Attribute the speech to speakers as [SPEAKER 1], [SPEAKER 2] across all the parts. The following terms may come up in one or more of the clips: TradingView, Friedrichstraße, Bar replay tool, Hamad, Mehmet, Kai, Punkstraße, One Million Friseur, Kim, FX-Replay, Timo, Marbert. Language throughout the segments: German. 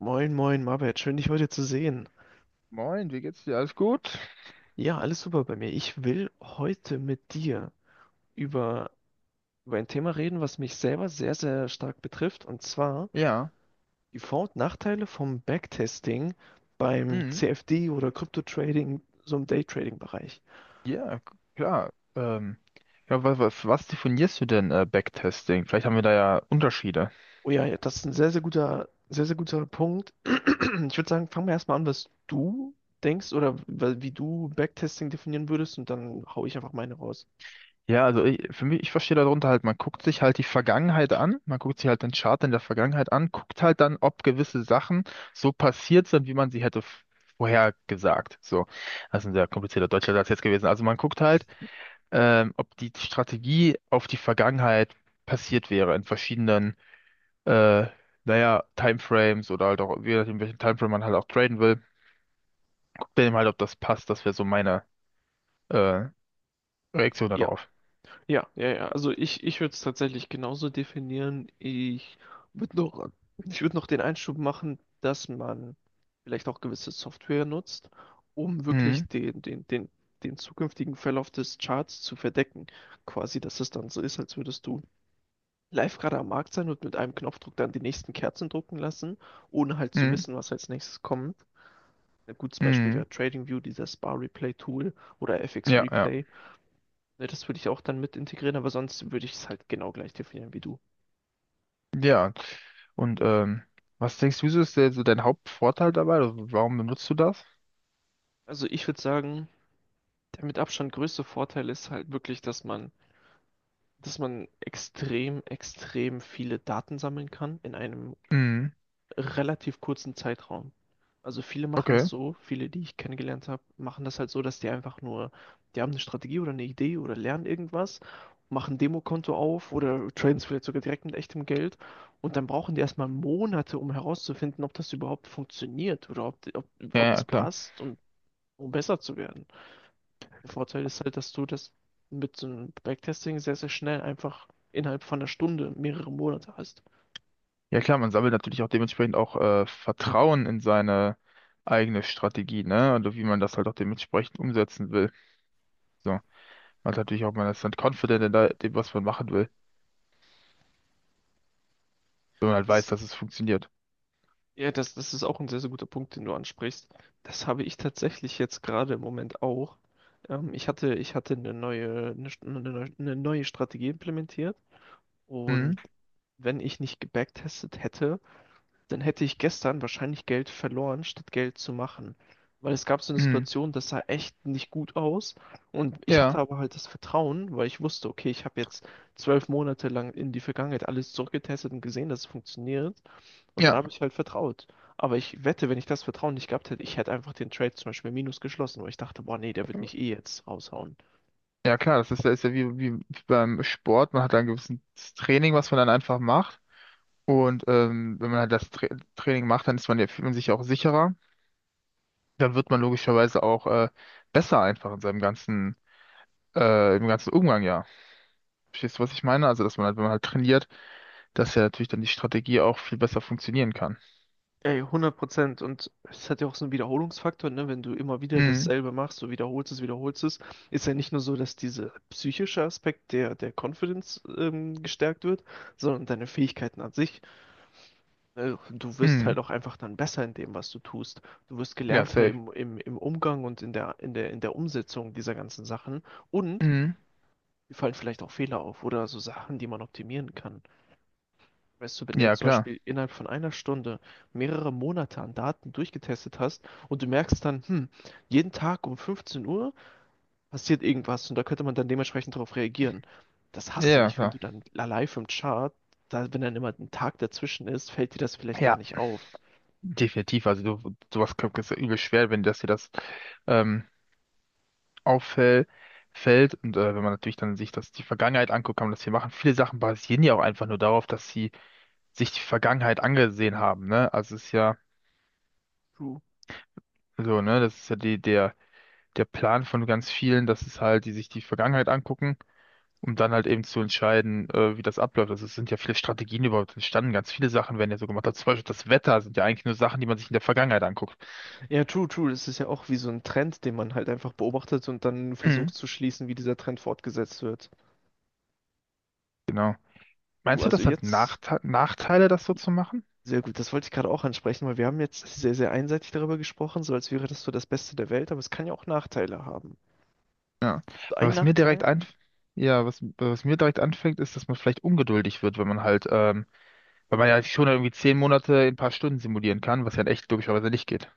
[SPEAKER 1] Moin, moin, Marbert, schön dich heute zu sehen.
[SPEAKER 2] Moin, wie geht's dir? Alles gut?
[SPEAKER 1] Ja, alles super bei mir. Ich will heute mit dir über, über ein Thema reden, was mich selber sehr, sehr stark betrifft, und zwar
[SPEAKER 2] Ja,
[SPEAKER 1] die Vor- und Nachteile vom Backtesting beim
[SPEAKER 2] mhm.
[SPEAKER 1] CFD oder Crypto-Trading, so im Daytrading-Bereich.
[SPEAKER 2] Ja, klar. Ja, was definierst du denn Backtesting? Vielleicht haben wir da ja Unterschiede.
[SPEAKER 1] Oh ja, ja, das ist ein sehr, sehr guter Punkt. Ich würde sagen, fangen wir erstmal an, was du denkst oder wie du Backtesting definieren würdest, und dann hau ich einfach meine raus.
[SPEAKER 2] Ja, also für mich, ich verstehe darunter halt, man guckt sich halt die Vergangenheit an, man guckt sich halt den Chart in der Vergangenheit an, guckt halt dann, ob gewisse Sachen so passiert sind, wie man sie hätte vorhergesagt. So, das ist ein sehr komplizierter deutscher Satz jetzt gewesen. Also man guckt halt, ob die Strategie auf die Vergangenheit passiert wäre in verschiedenen äh, naja, Timeframes oder halt auch, je nachdem, welchen Timeframe man halt auch traden will, guckt dann eben halt, ob das passt. Das wäre so meine äh, Reaktion
[SPEAKER 1] Ja.
[SPEAKER 2] darauf.
[SPEAKER 1] Ja, ja, ja. Also ich würde es tatsächlich genauso definieren. Würde noch, ich würde noch den Einschub machen, dass man vielleicht auch gewisse Software nutzt, um wirklich
[SPEAKER 2] Mhm,
[SPEAKER 1] den zukünftigen Verlauf des Charts zu verdecken. Quasi, dass es dann so ist, als würdest du live gerade am Markt sein und mit einem Knopfdruck dann die nächsten Kerzen drucken lassen, ohne halt zu
[SPEAKER 2] mhm,
[SPEAKER 1] wissen, was als nächstes kommt. Ein gutes Beispiel
[SPEAKER 2] mhm.
[SPEAKER 1] wäre TradingView, dieses Bar replay tool oder
[SPEAKER 2] Ja, ja.
[SPEAKER 1] FX-Replay. Ne, das würde ich auch dann mit integrieren, aber sonst würde ich es halt genau gleich definieren wie du.
[SPEAKER 2] Ja. Und was denkst du, ist der, so dein Hauptvorteil dabei? Also, warum benutzt du das?
[SPEAKER 1] Also ich würde sagen, der mit Abstand größte Vorteil ist halt wirklich, dass man extrem, extrem viele Daten sammeln kann in einem
[SPEAKER 2] Mhm.
[SPEAKER 1] relativ kurzen Zeitraum. Also viele machen das
[SPEAKER 2] Okay.
[SPEAKER 1] so, viele, die ich kennengelernt habe, machen das halt so, dass die einfach nur, die haben eine Strategie oder eine Idee oder lernen irgendwas, machen ein Demokonto auf oder traden es vielleicht sogar direkt mit echtem Geld und dann brauchen die erstmal Monate, um herauszufinden, ob das überhaupt funktioniert oder
[SPEAKER 2] Ja,
[SPEAKER 1] ob es
[SPEAKER 2] ja, klar.
[SPEAKER 1] passt und um besser zu werden. Der Vorteil ist halt, dass du das mit so einem Backtesting sehr, sehr schnell einfach innerhalb von einer Stunde mehrere Monate hast.
[SPEAKER 2] Ja, klar, man sammelt natürlich auch dementsprechend auch Vertrauen in seine eigene Strategie, ne? Und wie man das halt auch dementsprechend umsetzen will. So. Man hat natürlich auch, man ist dann confident in dem, was man machen will, wenn man halt weiß,
[SPEAKER 1] Das
[SPEAKER 2] dass es funktioniert.
[SPEAKER 1] Ja, das ist auch ein sehr, sehr guter Punkt, den du ansprichst. Das habe ich tatsächlich jetzt gerade im Moment auch. Ich hatte, ich hatte eine neue Strategie implementiert
[SPEAKER 2] Mhm.
[SPEAKER 1] und wenn ich nicht gebacktestet hätte, dann hätte ich gestern wahrscheinlich Geld verloren, statt Geld zu machen. Weil es gab so eine
[SPEAKER 2] Mhm.
[SPEAKER 1] Situation, das sah echt nicht gut aus und ich hatte
[SPEAKER 2] Ja,
[SPEAKER 1] aber halt das Vertrauen, weil ich wusste, okay, ich habe jetzt 12 Monate lang in die Vergangenheit alles zurückgetestet und gesehen, dass es funktioniert. Und da
[SPEAKER 2] ja,
[SPEAKER 1] habe ich halt vertraut. Aber ich wette, wenn ich das Vertrauen nicht gehabt hätte, ich hätte einfach den Trade zum Beispiel minus geschlossen, weil ich dachte, boah, nee, der wird mich eh jetzt raushauen.
[SPEAKER 2] ja klar, das ist ja wie, wie beim Sport. Man hat da ein gewisses Training, was man dann einfach macht und wenn man halt das Training macht, dann ist man ja, fühlt man sich auch sicherer, dann wird man logischerweise auch besser einfach in seinem ganzen, im ganzen Umgang, ja. Verstehst du, was ich meine? Also, dass man halt, wenn man halt trainiert, dass ja natürlich dann die Strategie auch viel besser funktionieren kann.
[SPEAKER 1] Ey, 100%. Und es hat ja auch so einen Wiederholungsfaktor, ne? Wenn du immer wieder
[SPEAKER 2] Mhm.
[SPEAKER 1] dasselbe machst, so wiederholst es, ist ja nicht nur so, dass dieser psychische Aspekt der Confidence gestärkt wird, sondern deine Fähigkeiten an sich. Du wirst
[SPEAKER 2] Mhm.
[SPEAKER 1] halt auch einfach dann besser in dem, was du tust. Du wirst
[SPEAKER 2] Ja,
[SPEAKER 1] gelernter
[SPEAKER 2] safe.
[SPEAKER 1] im Umgang und in der Umsetzung dieser ganzen Sachen. Und
[SPEAKER 2] Mhm.
[SPEAKER 1] mir fallen vielleicht auch Fehler auf oder so Sachen, die man optimieren kann. Weißt du, wenn du
[SPEAKER 2] Ja,
[SPEAKER 1] jetzt zum
[SPEAKER 2] klar.
[SPEAKER 1] Beispiel innerhalb von einer Stunde mehrere Monate an Daten durchgetestet hast und du merkst dann, hm, jeden Tag um 15 Uhr passiert irgendwas und da könnte man dann dementsprechend darauf reagieren. Das
[SPEAKER 2] Ja,
[SPEAKER 1] hast du
[SPEAKER 2] ja,
[SPEAKER 1] nicht, wenn
[SPEAKER 2] klar.
[SPEAKER 1] du dann live im Chart, da, wenn dann immer ein Tag dazwischen ist, fällt dir das vielleicht gar
[SPEAKER 2] Ja,
[SPEAKER 1] nicht auf.
[SPEAKER 2] definitiv. Also du, sowas ist ja übel schwer, wenn das dir das ähm, auffällt fällt und wenn man natürlich dann sich das die Vergangenheit anguckt, kann man das hier machen. Viele Sachen basieren ja auch einfach nur darauf, dass sie sich die Vergangenheit angesehen haben, ne? Also es ist ja
[SPEAKER 1] True.
[SPEAKER 2] so, ne, das ist ja der Plan von ganz vielen, dass es halt die sich die Vergangenheit angucken, um dann halt eben zu entscheiden, wie das abläuft. Also es sind ja viele Strategien überhaupt entstanden, ganz viele Sachen werden ja so gemacht. Also zum Beispiel das Wetter sind ja eigentlich nur Sachen, die man sich in der Vergangenheit anguckt.
[SPEAKER 1] Ja, true, true. Das ist ja auch wie so ein Trend, den man halt einfach beobachtet und dann
[SPEAKER 2] Mhm.
[SPEAKER 1] versucht zu schließen, wie dieser Trend fortgesetzt wird.
[SPEAKER 2] Genau.
[SPEAKER 1] Du,
[SPEAKER 2] Meinst du,
[SPEAKER 1] also
[SPEAKER 2] das hat
[SPEAKER 1] jetzt.
[SPEAKER 2] Nachteile, das so zu machen?
[SPEAKER 1] Sehr gut, das wollte ich gerade auch ansprechen, weil wir haben jetzt sehr, sehr einseitig darüber gesprochen, so als wäre das so das Beste der Welt, aber es kann ja auch Nachteile haben.
[SPEAKER 2] Ja.
[SPEAKER 1] So
[SPEAKER 2] Weil
[SPEAKER 1] ein
[SPEAKER 2] was mir direkt
[SPEAKER 1] Nachteil?
[SPEAKER 2] ein, ja, was mir direkt anfängt, ist, dass man vielleicht ungeduldig wird, wenn man halt, weil man
[SPEAKER 1] Oh,
[SPEAKER 2] ja schon irgendwie 10 Monate in ein paar Stunden simulieren kann, was ja in echt logischerweise nicht geht.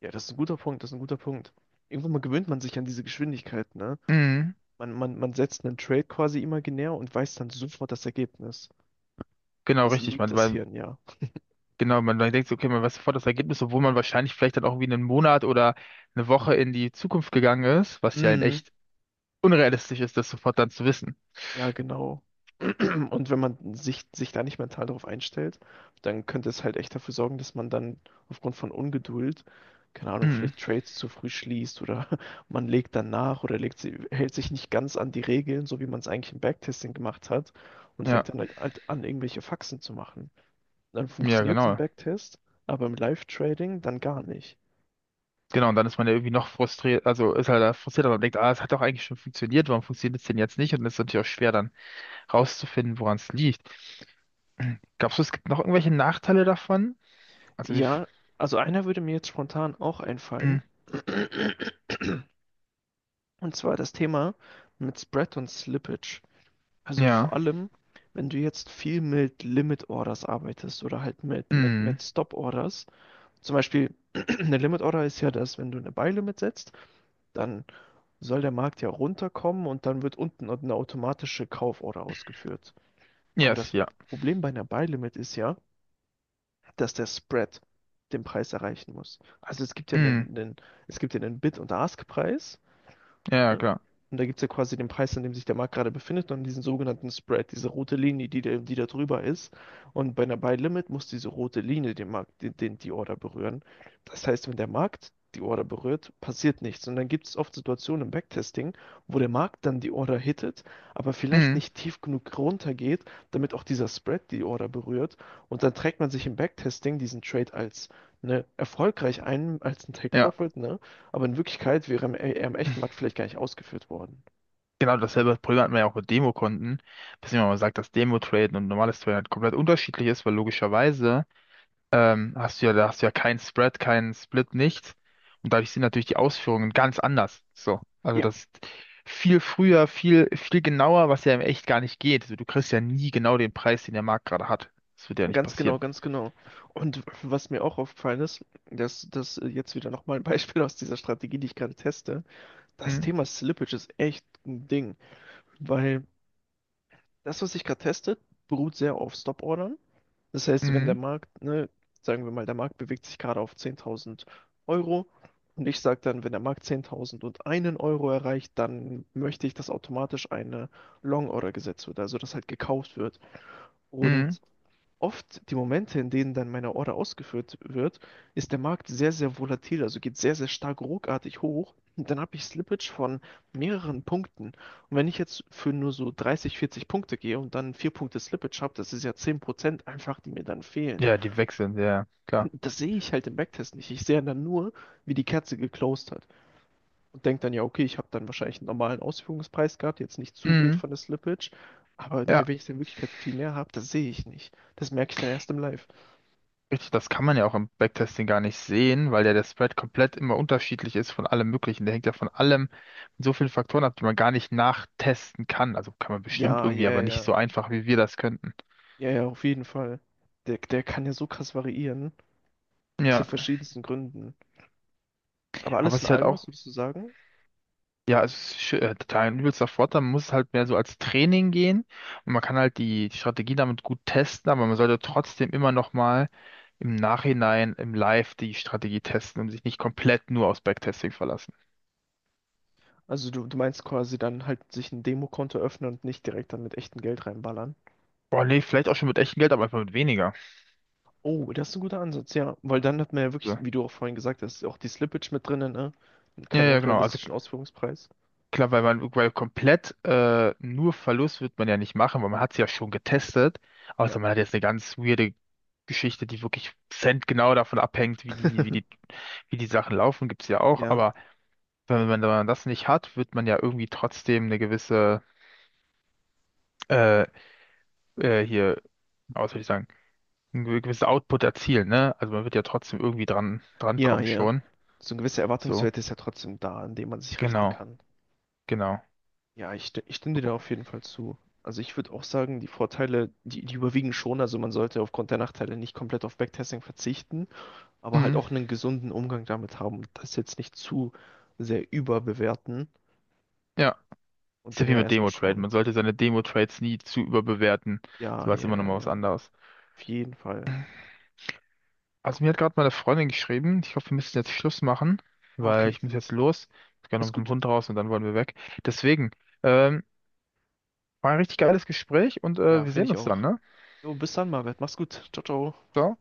[SPEAKER 1] ja, das ist ein guter Punkt, das ist ein guter Punkt. Irgendwann mal gewöhnt man sich an diese Geschwindigkeit, ne?
[SPEAKER 2] Mhm.
[SPEAKER 1] Man setzt einen Trade quasi imaginär und weiß dann sofort das Ergebnis.
[SPEAKER 2] Genau,
[SPEAKER 1] Das
[SPEAKER 2] richtig.
[SPEAKER 1] liebt
[SPEAKER 2] Man,
[SPEAKER 1] das
[SPEAKER 2] weil,
[SPEAKER 1] Hirn, ja.
[SPEAKER 2] genau, man dann denkt, so, okay, man weiß sofort das Ergebnis, obwohl man wahrscheinlich vielleicht dann auch irgendwie einen Monat oder eine Woche in die Zukunft gegangen ist, was ja in
[SPEAKER 1] Mhm.
[SPEAKER 2] echt unrealistisch ist, das sofort dann zu wissen.
[SPEAKER 1] Ja, genau. Und wenn man sich, sich da nicht mental darauf einstellt, dann könnte es halt echt dafür sorgen, dass man dann aufgrund von Ungeduld, keine Ahnung,
[SPEAKER 2] Mhm.
[SPEAKER 1] vielleicht Trades zu früh schließt oder man legt dann nach oder legt sie, hält sich nicht ganz an die Regeln, so wie man es eigentlich im Backtesting gemacht hat und
[SPEAKER 2] Ja,
[SPEAKER 1] fängt dann halt an, irgendwelche Faxen zu machen. Dann
[SPEAKER 2] ja,
[SPEAKER 1] funktioniert es im
[SPEAKER 2] genau.
[SPEAKER 1] Backtest, aber im Live-Trading dann gar nicht.
[SPEAKER 2] Genau, und dann ist man ja irgendwie noch frustriert, also ist halt da frustriert, aber man denkt, ah, es hat doch eigentlich schon funktioniert, warum funktioniert es denn jetzt nicht? Und es ist natürlich auch schwer, dann rauszufinden, woran es liegt. Glaubst du, es gibt noch irgendwelche Nachteile davon? Also wir.
[SPEAKER 1] Ja, also einer würde mir jetzt spontan auch einfallen,
[SPEAKER 2] Mm,
[SPEAKER 1] und zwar das Thema mit Spread und Slippage. Also vor
[SPEAKER 2] ja.
[SPEAKER 1] allem, wenn du jetzt viel mit Limit Orders arbeitest oder halt mit, mit,
[SPEAKER 2] Mm,
[SPEAKER 1] mit Stop Orders. Zum Beispiel, eine Limit Order ist ja das, wenn du eine Buy Limit setzt, dann soll der Markt ja runterkommen und dann wird unten eine automatische Kauforder ausgeführt. Aber
[SPEAKER 2] yes,
[SPEAKER 1] das
[SPEAKER 2] ja.
[SPEAKER 1] Problem bei einer Buy Limit ist ja, dass der Spread den Preis erreichen muss. Also es gibt ja
[SPEAKER 2] Mm,
[SPEAKER 1] einen Bid- und Ask-Preis.
[SPEAKER 2] ja, ja,
[SPEAKER 1] Ne?
[SPEAKER 2] klar.
[SPEAKER 1] Und da gibt es ja quasi den Preis, an dem sich der Markt gerade befindet, und diesen sogenannten Spread, diese rote Linie, die, die da drüber ist. Und bei einer Buy Limit muss diese rote Linie den Markt, die Order berühren. Das heißt, wenn der Markt die Order berührt, passiert nichts. Und dann gibt es oft Situationen im Backtesting, wo der Markt dann die Order hittet, aber vielleicht
[SPEAKER 2] Mm,
[SPEAKER 1] nicht tief genug runtergeht, damit auch dieser Spread die Order berührt. Und dann trägt man sich im Backtesting diesen Trade als ne, erfolgreich ein, als ein Take
[SPEAKER 2] ja.
[SPEAKER 1] Profit, ne? Aber in Wirklichkeit wäre er im echten Markt vielleicht gar nicht ausgeführt worden.
[SPEAKER 2] Genau dasselbe Problem hatten wir ja auch mit Demokonten. Dass jemand mal sagt, dass Demo-Traden und normales Traden halt komplett unterschiedlich ist, weil logischerweise. Hast du ja, da hast du ja keinen Spread, keinen Split, nichts. Und dadurch sind natürlich die Ausführungen ganz anders. So. Also
[SPEAKER 1] Ja.
[SPEAKER 2] das ist viel früher, viel, viel genauer, was ja im Echt gar nicht geht. Also du kriegst ja nie genau den Preis, den der Markt gerade hat. Das wird ja nicht
[SPEAKER 1] Ganz genau,
[SPEAKER 2] passieren.
[SPEAKER 1] ganz genau. Und was mir auch aufgefallen ist, dass das jetzt wieder nochmal ein Beispiel aus dieser Strategie, die ich gerade teste. Das
[SPEAKER 2] Mhm.
[SPEAKER 1] Thema Slippage ist echt ein Ding, weil das, was ich gerade teste, beruht sehr auf Stop-Ordern. Das heißt, wenn der
[SPEAKER 2] Mhm.
[SPEAKER 1] Markt, ne, sagen wir mal, der Markt bewegt sich gerade auf 10.000 Euro und ich sage dann, wenn der Markt 10.001 Euro erreicht, dann möchte ich, dass automatisch eine Long-Order gesetzt wird, also dass halt gekauft wird.
[SPEAKER 2] Mhm.
[SPEAKER 1] Und oft die Momente, in denen dann meine Order ausgeführt wird, ist der Markt sehr, sehr volatil, also geht sehr, sehr stark ruckartig hoch. Und dann habe ich Slippage von mehreren Punkten. Und wenn ich jetzt für nur so 30, 40 Punkte gehe und dann 4 Punkte Slippage habe, das ist ja 10% einfach, die mir dann fehlen.
[SPEAKER 2] Ja, die wechseln, ja, ja, klar.
[SPEAKER 1] Das sehe ich halt im Backtest nicht. Ich sehe dann nur, wie die Kerze geclosed hat. Und denke dann, ja, okay, ich habe dann wahrscheinlich einen normalen Ausführungspreis gehabt, jetzt nicht zu wild
[SPEAKER 2] Mhm.
[SPEAKER 1] von der Slippage. Aber wenn
[SPEAKER 2] Ja.
[SPEAKER 1] ich in Wirklichkeit viel mehr habe, das sehe ich nicht. Das merke ich dann erst im Live.
[SPEAKER 2] Richtig, das kann man ja auch im Backtesting gar nicht sehen, weil ja der Spread komplett immer unterschiedlich ist von allem Möglichen. Der hängt ja von allem mit so vielen Faktoren ab, die man gar nicht nachtesten kann. Also kann man bestimmt
[SPEAKER 1] Ja,
[SPEAKER 2] irgendwie,
[SPEAKER 1] ja,
[SPEAKER 2] aber nicht so
[SPEAKER 1] ja.
[SPEAKER 2] einfach, wie wir das könnten.
[SPEAKER 1] Ja, ja, auf jeden Fall. Der, der kann ja so krass variieren, aus den
[SPEAKER 2] Ja,
[SPEAKER 1] verschiedensten Gründen. Aber
[SPEAKER 2] aber
[SPEAKER 1] alles
[SPEAKER 2] es
[SPEAKER 1] in
[SPEAKER 2] ist halt
[SPEAKER 1] allem,
[SPEAKER 2] auch,
[SPEAKER 1] was würdest du sagen?
[SPEAKER 2] ja, es ist total ein übelster Vorteil. Man muss halt mehr so als Training gehen und man kann halt die Strategie damit gut testen, aber man sollte trotzdem immer noch mal im Nachhinein, im Live die Strategie testen und sich nicht komplett nur aufs Backtesting verlassen.
[SPEAKER 1] Also du meinst quasi dann halt sich ein Demokonto öffnen und nicht direkt dann mit echtem Geld reinballern.
[SPEAKER 2] Boah, nee, vielleicht auch schon mit echtem Geld, aber einfach mit weniger.
[SPEAKER 1] Oh, das ist ein guter Ansatz, ja. Weil dann hat man ja wirklich,
[SPEAKER 2] So.
[SPEAKER 1] wie du auch vorhin gesagt hast, auch die Slippage mit drinnen, ne? Und
[SPEAKER 2] Ja,
[SPEAKER 1] keinen
[SPEAKER 2] ja, genau. Also
[SPEAKER 1] unrealistischen Ausführungspreis.
[SPEAKER 2] klar, weil man weil komplett nur Verlust wird man ja nicht machen, weil man hat es ja schon getestet. Außer
[SPEAKER 1] Ja.
[SPEAKER 2] man hat jetzt eine ganz weirde Geschichte, die wirklich centgenau davon abhängt, wie die Sachen laufen, gibt's ja auch.
[SPEAKER 1] Ja,
[SPEAKER 2] Aber wenn man, wenn man das nicht hat, wird man ja irgendwie trotzdem eine gewisse äh, hier, ja, was soll ich sagen, einen gewissen Output erzielen, ne? Also man wird ja trotzdem irgendwie dran
[SPEAKER 1] ja,
[SPEAKER 2] kommen
[SPEAKER 1] ja.
[SPEAKER 2] schon.
[SPEAKER 1] So ein gewisser
[SPEAKER 2] So,
[SPEAKER 1] Erwartungswert ist ja trotzdem da, an dem man sich richten
[SPEAKER 2] genau,
[SPEAKER 1] kann.
[SPEAKER 2] genau.
[SPEAKER 1] Ja, ich, ich stimme dir da auf jeden Fall zu. Also ich würde auch sagen, die Vorteile, die, die überwiegen schon. Also man sollte aufgrund der Nachteile nicht komplett auf Backtesting verzichten, aber halt
[SPEAKER 2] Mhm.
[SPEAKER 1] auch einen gesunden Umgang damit haben und das jetzt nicht zu sehr überbewerten
[SPEAKER 2] Ja. Ist
[SPEAKER 1] und
[SPEAKER 2] ja
[SPEAKER 1] dann
[SPEAKER 2] wie
[SPEAKER 1] ja
[SPEAKER 2] mit
[SPEAKER 1] erstmal
[SPEAKER 2] Demo-Trade.
[SPEAKER 1] schauen.
[SPEAKER 2] Man sollte seine Demo-Trades nie zu überbewerten. So
[SPEAKER 1] Ja,
[SPEAKER 2] war es
[SPEAKER 1] ja,
[SPEAKER 2] immer noch
[SPEAKER 1] ja,
[SPEAKER 2] mal was
[SPEAKER 1] ja.
[SPEAKER 2] anderes.
[SPEAKER 1] Auf jeden Fall.
[SPEAKER 2] Also mir hat gerade meine Freundin geschrieben. Ich hoffe, wir müssen jetzt Schluss machen,
[SPEAKER 1] Ah,
[SPEAKER 2] weil
[SPEAKER 1] okay.
[SPEAKER 2] ich muss jetzt los. Ich muss gerne
[SPEAKER 1] Ist
[SPEAKER 2] mit dem
[SPEAKER 1] gut.
[SPEAKER 2] Hund raus und dann wollen wir weg. Deswegen, ähm, war ein richtig geiles Gespräch und
[SPEAKER 1] Ja,
[SPEAKER 2] wir
[SPEAKER 1] finde
[SPEAKER 2] sehen
[SPEAKER 1] ich
[SPEAKER 2] uns dann,
[SPEAKER 1] auch.
[SPEAKER 2] ne?
[SPEAKER 1] Jo, bis dann, Marvet. Mach's gut. Ciao, ciao.
[SPEAKER 2] Ciao.